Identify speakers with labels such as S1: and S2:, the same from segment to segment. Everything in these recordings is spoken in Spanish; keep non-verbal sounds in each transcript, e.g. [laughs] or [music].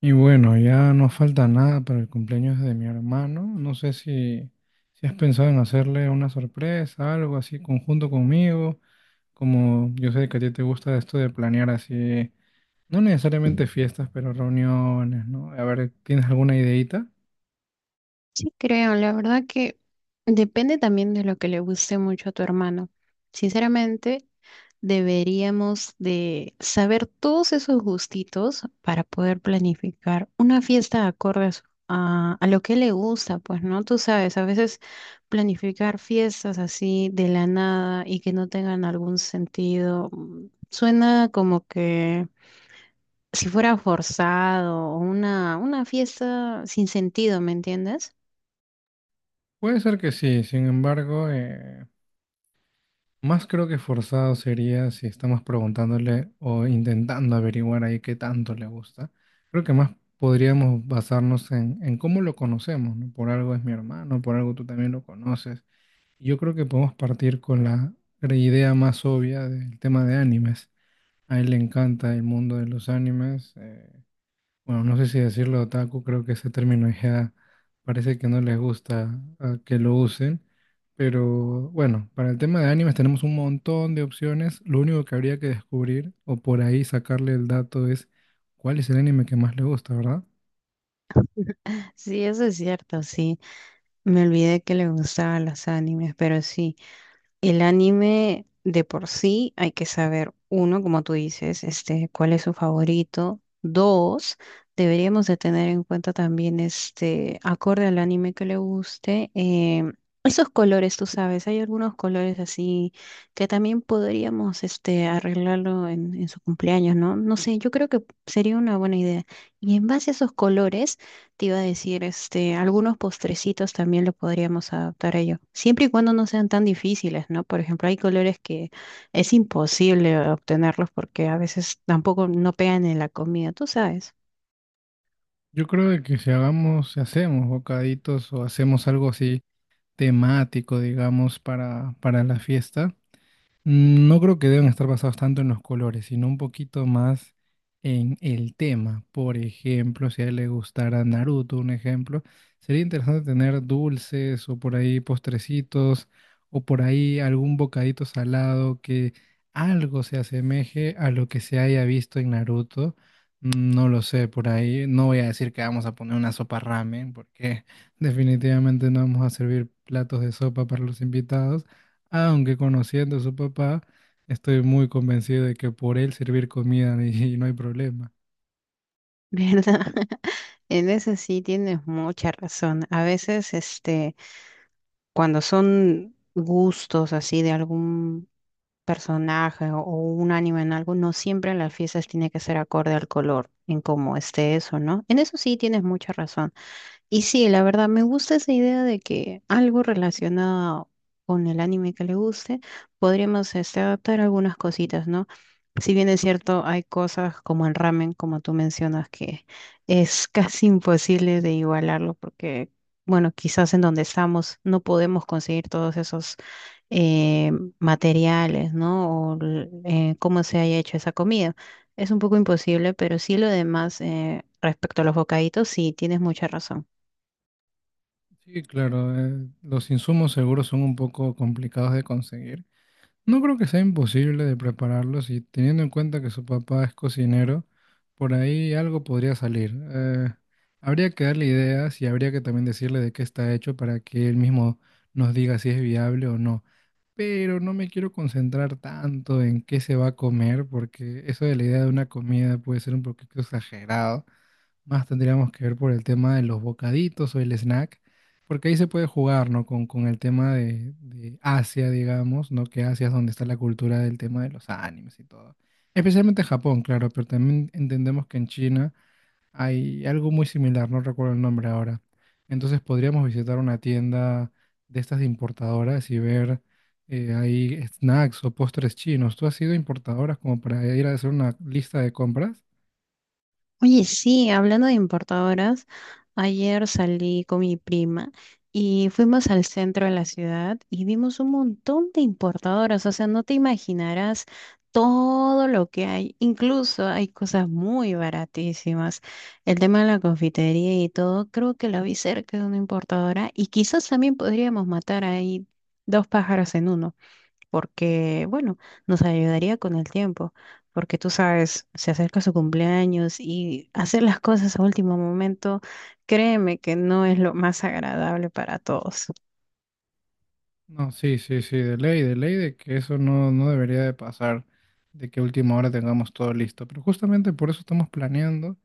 S1: Y bueno, ya no falta nada para el cumpleaños de mi hermano. No sé si has pensado en hacerle una sorpresa, algo así conjunto conmigo, como yo sé que a ti te gusta esto de planear así, no necesariamente fiestas, pero reuniones, ¿no? A ver, ¿tienes alguna ideita?
S2: Sí, creo, la verdad que depende también de lo que le guste mucho a tu hermano. Sinceramente, deberíamos de saber todos esos gustitos para poder planificar una fiesta acorde a, a lo que le gusta, pues, ¿no? Tú sabes, a veces planificar fiestas así de la nada y que no tengan algún sentido, suena como que si fuera forzado o una fiesta sin sentido, ¿me entiendes?
S1: Puede ser que sí, sin embargo, más creo que forzado sería si estamos preguntándole o intentando averiguar ahí qué tanto le gusta. Creo que más podríamos basarnos en cómo lo conocemos, ¿no? Por algo es mi hermano, por algo tú también lo conoces. Yo creo que podemos partir con la idea más obvia del tema de animes. A él le encanta el mundo de los animes, bueno, no sé si decirlo otaku, creo que ese término ya parece que no les gusta ah, que lo usen, pero bueno, para el tema de animes tenemos un montón de opciones, lo único que habría que descubrir o por ahí sacarle el dato es cuál es el anime que más le gusta, ¿verdad?
S2: Sí, eso es cierto, sí. Me olvidé que le gustaban los animes, pero sí, el anime de por sí hay que saber, uno, como tú dices, este, cuál es su favorito. Dos, deberíamos de tener en cuenta también, este, acorde al anime que le guste, esos colores, tú sabes, hay algunos colores así que también podríamos, este, arreglarlo en su cumpleaños, ¿no? No sé, yo creo que sería una buena idea. Y en base a esos colores te iba a decir, este, algunos postrecitos también lo podríamos adaptar a ello. Siempre y cuando no sean tan difíciles, ¿no? Por ejemplo, hay colores que es imposible obtenerlos porque a veces tampoco no pegan en la comida, tú sabes,
S1: Yo creo de que si hagamos, si hacemos bocaditos o hacemos algo así temático, digamos, para la fiesta. Mm, no creo que deban estar basados tanto en los colores, sino un poquito más en el tema. Por ejemplo, si a él le gustara Naruto, un ejemplo, sería interesante tener dulces o por ahí postrecitos o por ahí algún bocadito salado que algo se asemeje a lo que se haya visto en Naruto. Mm, no lo sé, por ahí no voy a decir que vamos a poner una sopa ramen porque [laughs] definitivamente no vamos a servir platos de sopa para los invitados, aunque conociendo a su papá, estoy muy convencido de que por él servir comida [laughs] y no hay problema.
S2: [laughs] ¿verdad? En eso sí tienes mucha razón. A veces, este, cuando son gustos así de algún personaje o un anime en algo, no siempre en las fiestas tiene que ser acorde al color, en cómo esté eso, ¿no? En eso sí tienes mucha razón. Y sí, la verdad, me gusta esa idea de que algo relacionado con el anime que le guste, podríamos este, adaptar algunas cositas, ¿no? Si bien es cierto, hay cosas como el ramen, como tú mencionas, que es [laughs] casi imposible de igualarlo porque, bueno, quizás en donde estamos no podemos conseguir todos esos eh, materiales, ¿no? Cómo se haya hecho esa comida. Es un poco imposible, pero sí lo demás respecto a los bocaditos, sí, tienes mucha razón.
S1: Sí, claro, los insumos seguros son un poco complicados de conseguir. No creo que sea imposible de prepararlos y teniendo en cuenta que su papá es cocinero, por ahí algo podría salir. Habría que darle ideas y habría que también decirle de qué está hecho para que él mismo nos diga si es viable o no. Pero no me quiero concentrar tanto en qué se va a comer, porque eso de la idea de una comida puede ser un poquito exagerado. Más tendríamos que ver por el tema de los bocaditos o el snack, porque ahí se puede jugar, ¿no? Con el tema de Asia, digamos, ¿no? Que Asia es donde está la cultura del tema de los animes y todo. Especialmente en Japón, claro, pero también entendemos que en China hay algo muy similar, no recuerdo el nombre ahora. Entonces podríamos visitar una tienda de estas de importadoras y ver ahí snacks o postres chinos. ¿Tú has sido importadoras como para ir a hacer una lista de compras?
S2: Oye, sí, hablando de importadoras, ayer salí con mi prima y fuimos al centro de la ciudad y vimos un montón de importadoras, o sea, no te imaginarás todo lo que hay, incluso hay cosas muy baratísimas. El tema de la confitería y todo, creo que la vi cerca de una importadora y quizás también podríamos matar ahí dos pájaros en uno porque, bueno, nos ayudaría con el tiempo, porque tú sabes, se acerca su cumpleaños y hacer las cosas a último momento, créeme que no es lo más agradable para todos.
S1: No, sí, sí, sí, de ley, de ley, de que eso no, no debería de pasar, de que a última hora tengamos todo listo. Pero justamente por eso estamos planeando.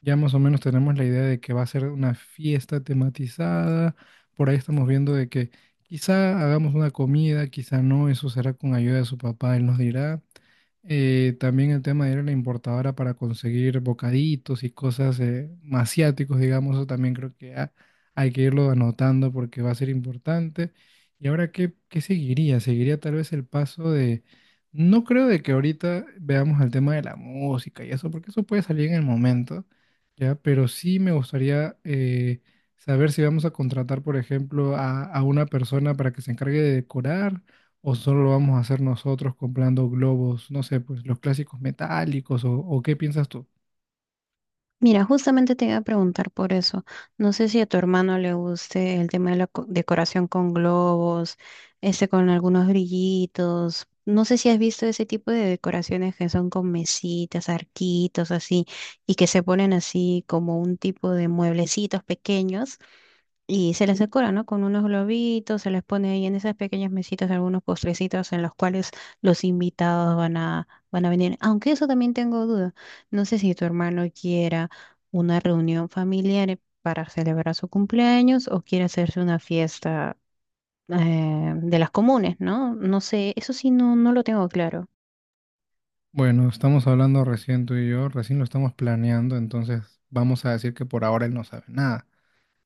S1: Ya más o menos tenemos la idea de que va a ser una fiesta tematizada. Por ahí estamos viendo de que quizá hagamos una comida, quizá no. Eso será con ayuda de su papá, él nos dirá. También el tema de ir a la importadora para conseguir bocaditos y cosas asiáticos, digamos, eso también creo que hay que irlo anotando porque va a ser importante. ¿Y ahora qué seguiría? Seguiría tal vez el paso de... No creo de que ahorita veamos el tema de la música y eso, porque eso puede salir en el momento, ¿ya? Pero sí me gustaría saber si vamos a contratar, por ejemplo, a una persona para que se encargue de decorar o solo lo vamos a hacer nosotros comprando globos, no sé, pues los clásicos metálicos o, ¿o qué piensas tú?
S2: Mira, justamente te iba a preguntar por eso. No sé si a tu hermano le guste el tema de la decoración con globos, este con algunos brillitos. No sé si has visto ese tipo de decoraciones que son con mesitas, arquitos, así, y que se ponen así como un tipo de mueblecitos pequeños. Y se les decora, ¿no? Con unos globitos, se les pone ahí en esas pequeñas mesitas algunos postrecitos en los cuales los invitados van a venir. Aunque eso también tengo duda. No sé si tu hermano quiera una reunión familiar para celebrar su cumpleaños o quiere hacerse una fiesta de las comunes, ¿no? No sé, eso sí no lo tengo claro.
S1: Bueno, estamos hablando recién tú y yo, recién lo estamos planeando, entonces vamos a decir que por ahora él no sabe nada.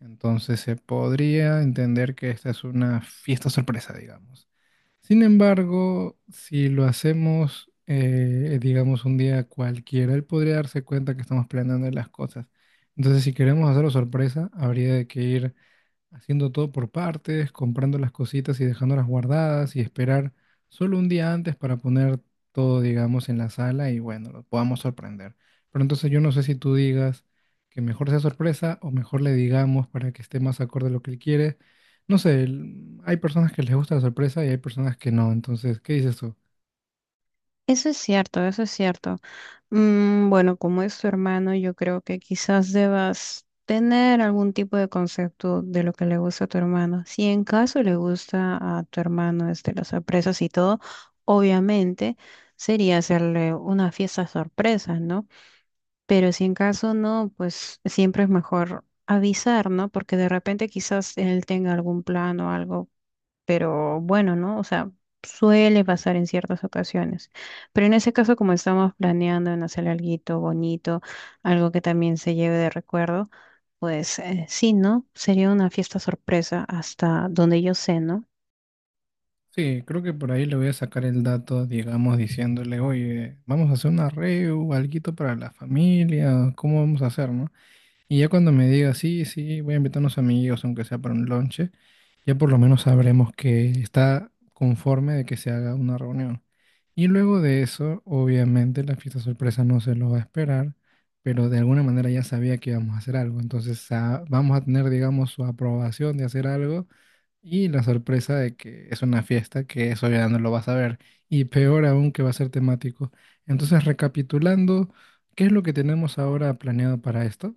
S1: Entonces se podría entender que esta es una fiesta sorpresa, digamos. Sin embargo, si lo hacemos, digamos, un día cualquiera, él podría darse cuenta que estamos planeando las cosas. Entonces, si queremos hacerlo sorpresa, habría de que ir haciendo todo por partes, comprando las cositas y dejándolas guardadas y esperar solo un día antes para poner todo, digamos, en la sala y bueno, lo podamos sorprender. Pero entonces yo no sé si tú digas que mejor sea sorpresa o mejor le digamos para que esté más acorde a lo que él quiere. No sé, hay personas que les gusta la sorpresa y hay personas que no. Entonces, ¿qué dices tú?
S2: Eso es cierto, eso es cierto. Mm, bueno, como es su hermano, yo creo que quizás debas tener algún tipo de concepto de lo que le gusta a tu hermano. Si en caso le gusta a tu hermano este, las sorpresas y todo, obviamente sería hacerle una fiesta sorpresa, ¿no? Pero si en caso no, pues siempre es mejor avisar, ¿no? Porque de repente quizás él tenga algún plan o algo, pero bueno, ¿no? O sea, suele pasar en ciertas ocasiones. Pero en ese caso, como estamos planeando en hacer algo bonito, algo que también se lleve de recuerdo, pues sí, ¿no? Sería una fiesta sorpresa hasta donde yo sé, ¿no?
S1: Sí, creo que por ahí le voy a sacar el dato, digamos, diciéndole, oye, vamos a hacer un arreo, algo para la familia, ¿cómo vamos a hacer, no? Y ya cuando me diga, sí, sí, voy a invitar a unos amigos, aunque sea para un lonche, ya por lo menos sabremos que está conforme de que se haga una reunión. Y luego de eso, obviamente, la fiesta sorpresa no se lo va a esperar, pero de alguna manera ya sabía que íbamos a hacer algo. Entonces, ah, vamos a tener, digamos, su aprobación de hacer algo y la sorpresa de que es una fiesta, que eso ya no lo vas a ver. Y peor aún que va a ser temático. Entonces, recapitulando, ¿qué es lo que tenemos ahora planeado para esto?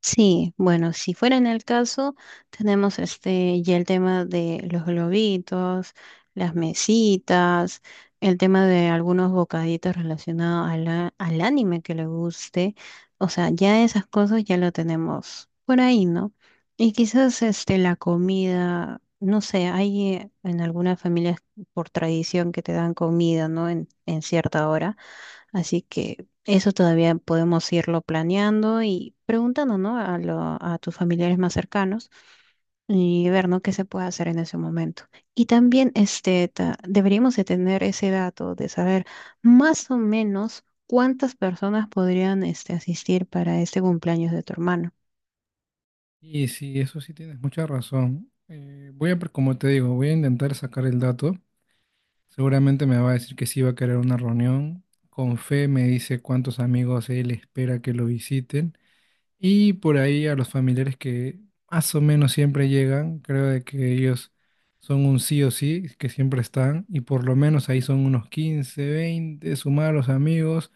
S2: Sí, bueno, si fuera en el caso, tenemos este ya el tema de los globitos, las mesitas, el tema de algunos bocaditos relacionados a al anime que le guste. O sea, ya esas cosas ya lo tenemos por ahí, ¿no? Y quizás este la comida, no sé, hay en algunas familias por tradición que te dan comida, ¿no? En cierta hora. Así que eso todavía podemos irlo planeando y preguntando, ¿no? A tus familiares más cercanos y ver, ¿no? Qué se puede hacer en ese momento. Y también este, deberíamos de tener ese dato de saber más o menos cuántas personas podrían este, asistir para este cumpleaños de tu hermano.
S1: Y sí, eso sí tienes mucha razón. Voy a, como te digo, voy a intentar sacar el dato. Seguramente me va a decir que sí va a querer una reunión. Con fe me dice cuántos amigos él espera que lo visiten. Y por ahí a los familiares que más o menos siempre llegan, creo de que ellos son un sí o sí, que siempre están. Y por lo menos ahí son unos 15, 20. Sumar a los amigos.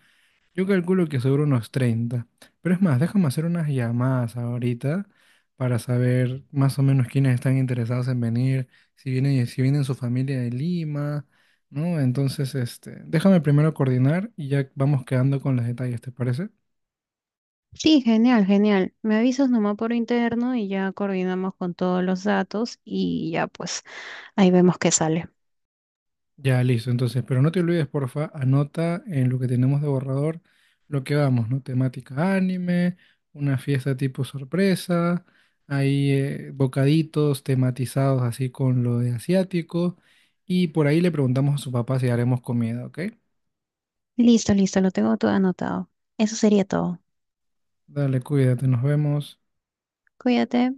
S1: Yo calculo que sobre unos 30. Pero es más, déjame hacer unas llamadas ahorita para saber más o menos quiénes están interesados en venir, si vienen, si vienen su familia de Lima, ¿no? Entonces, este, déjame primero coordinar y ya vamos quedando con los detalles, ¿te parece?
S2: Sí, genial, genial. Me avisas nomás por interno y ya coordinamos con todos los datos y ya pues ahí vemos qué sale.
S1: Ya, listo, entonces, pero no te olvides, porfa, anota en lo que tenemos de borrador lo que vamos, ¿no? Temática anime, una fiesta tipo sorpresa, ahí bocaditos tematizados así con lo de asiático, y por ahí le preguntamos a su papá si haremos comida, ¿ok?
S2: Listo, listo, lo tengo todo anotado. Eso sería todo.
S1: Dale, cuídate, nos vemos.
S2: Cuídate.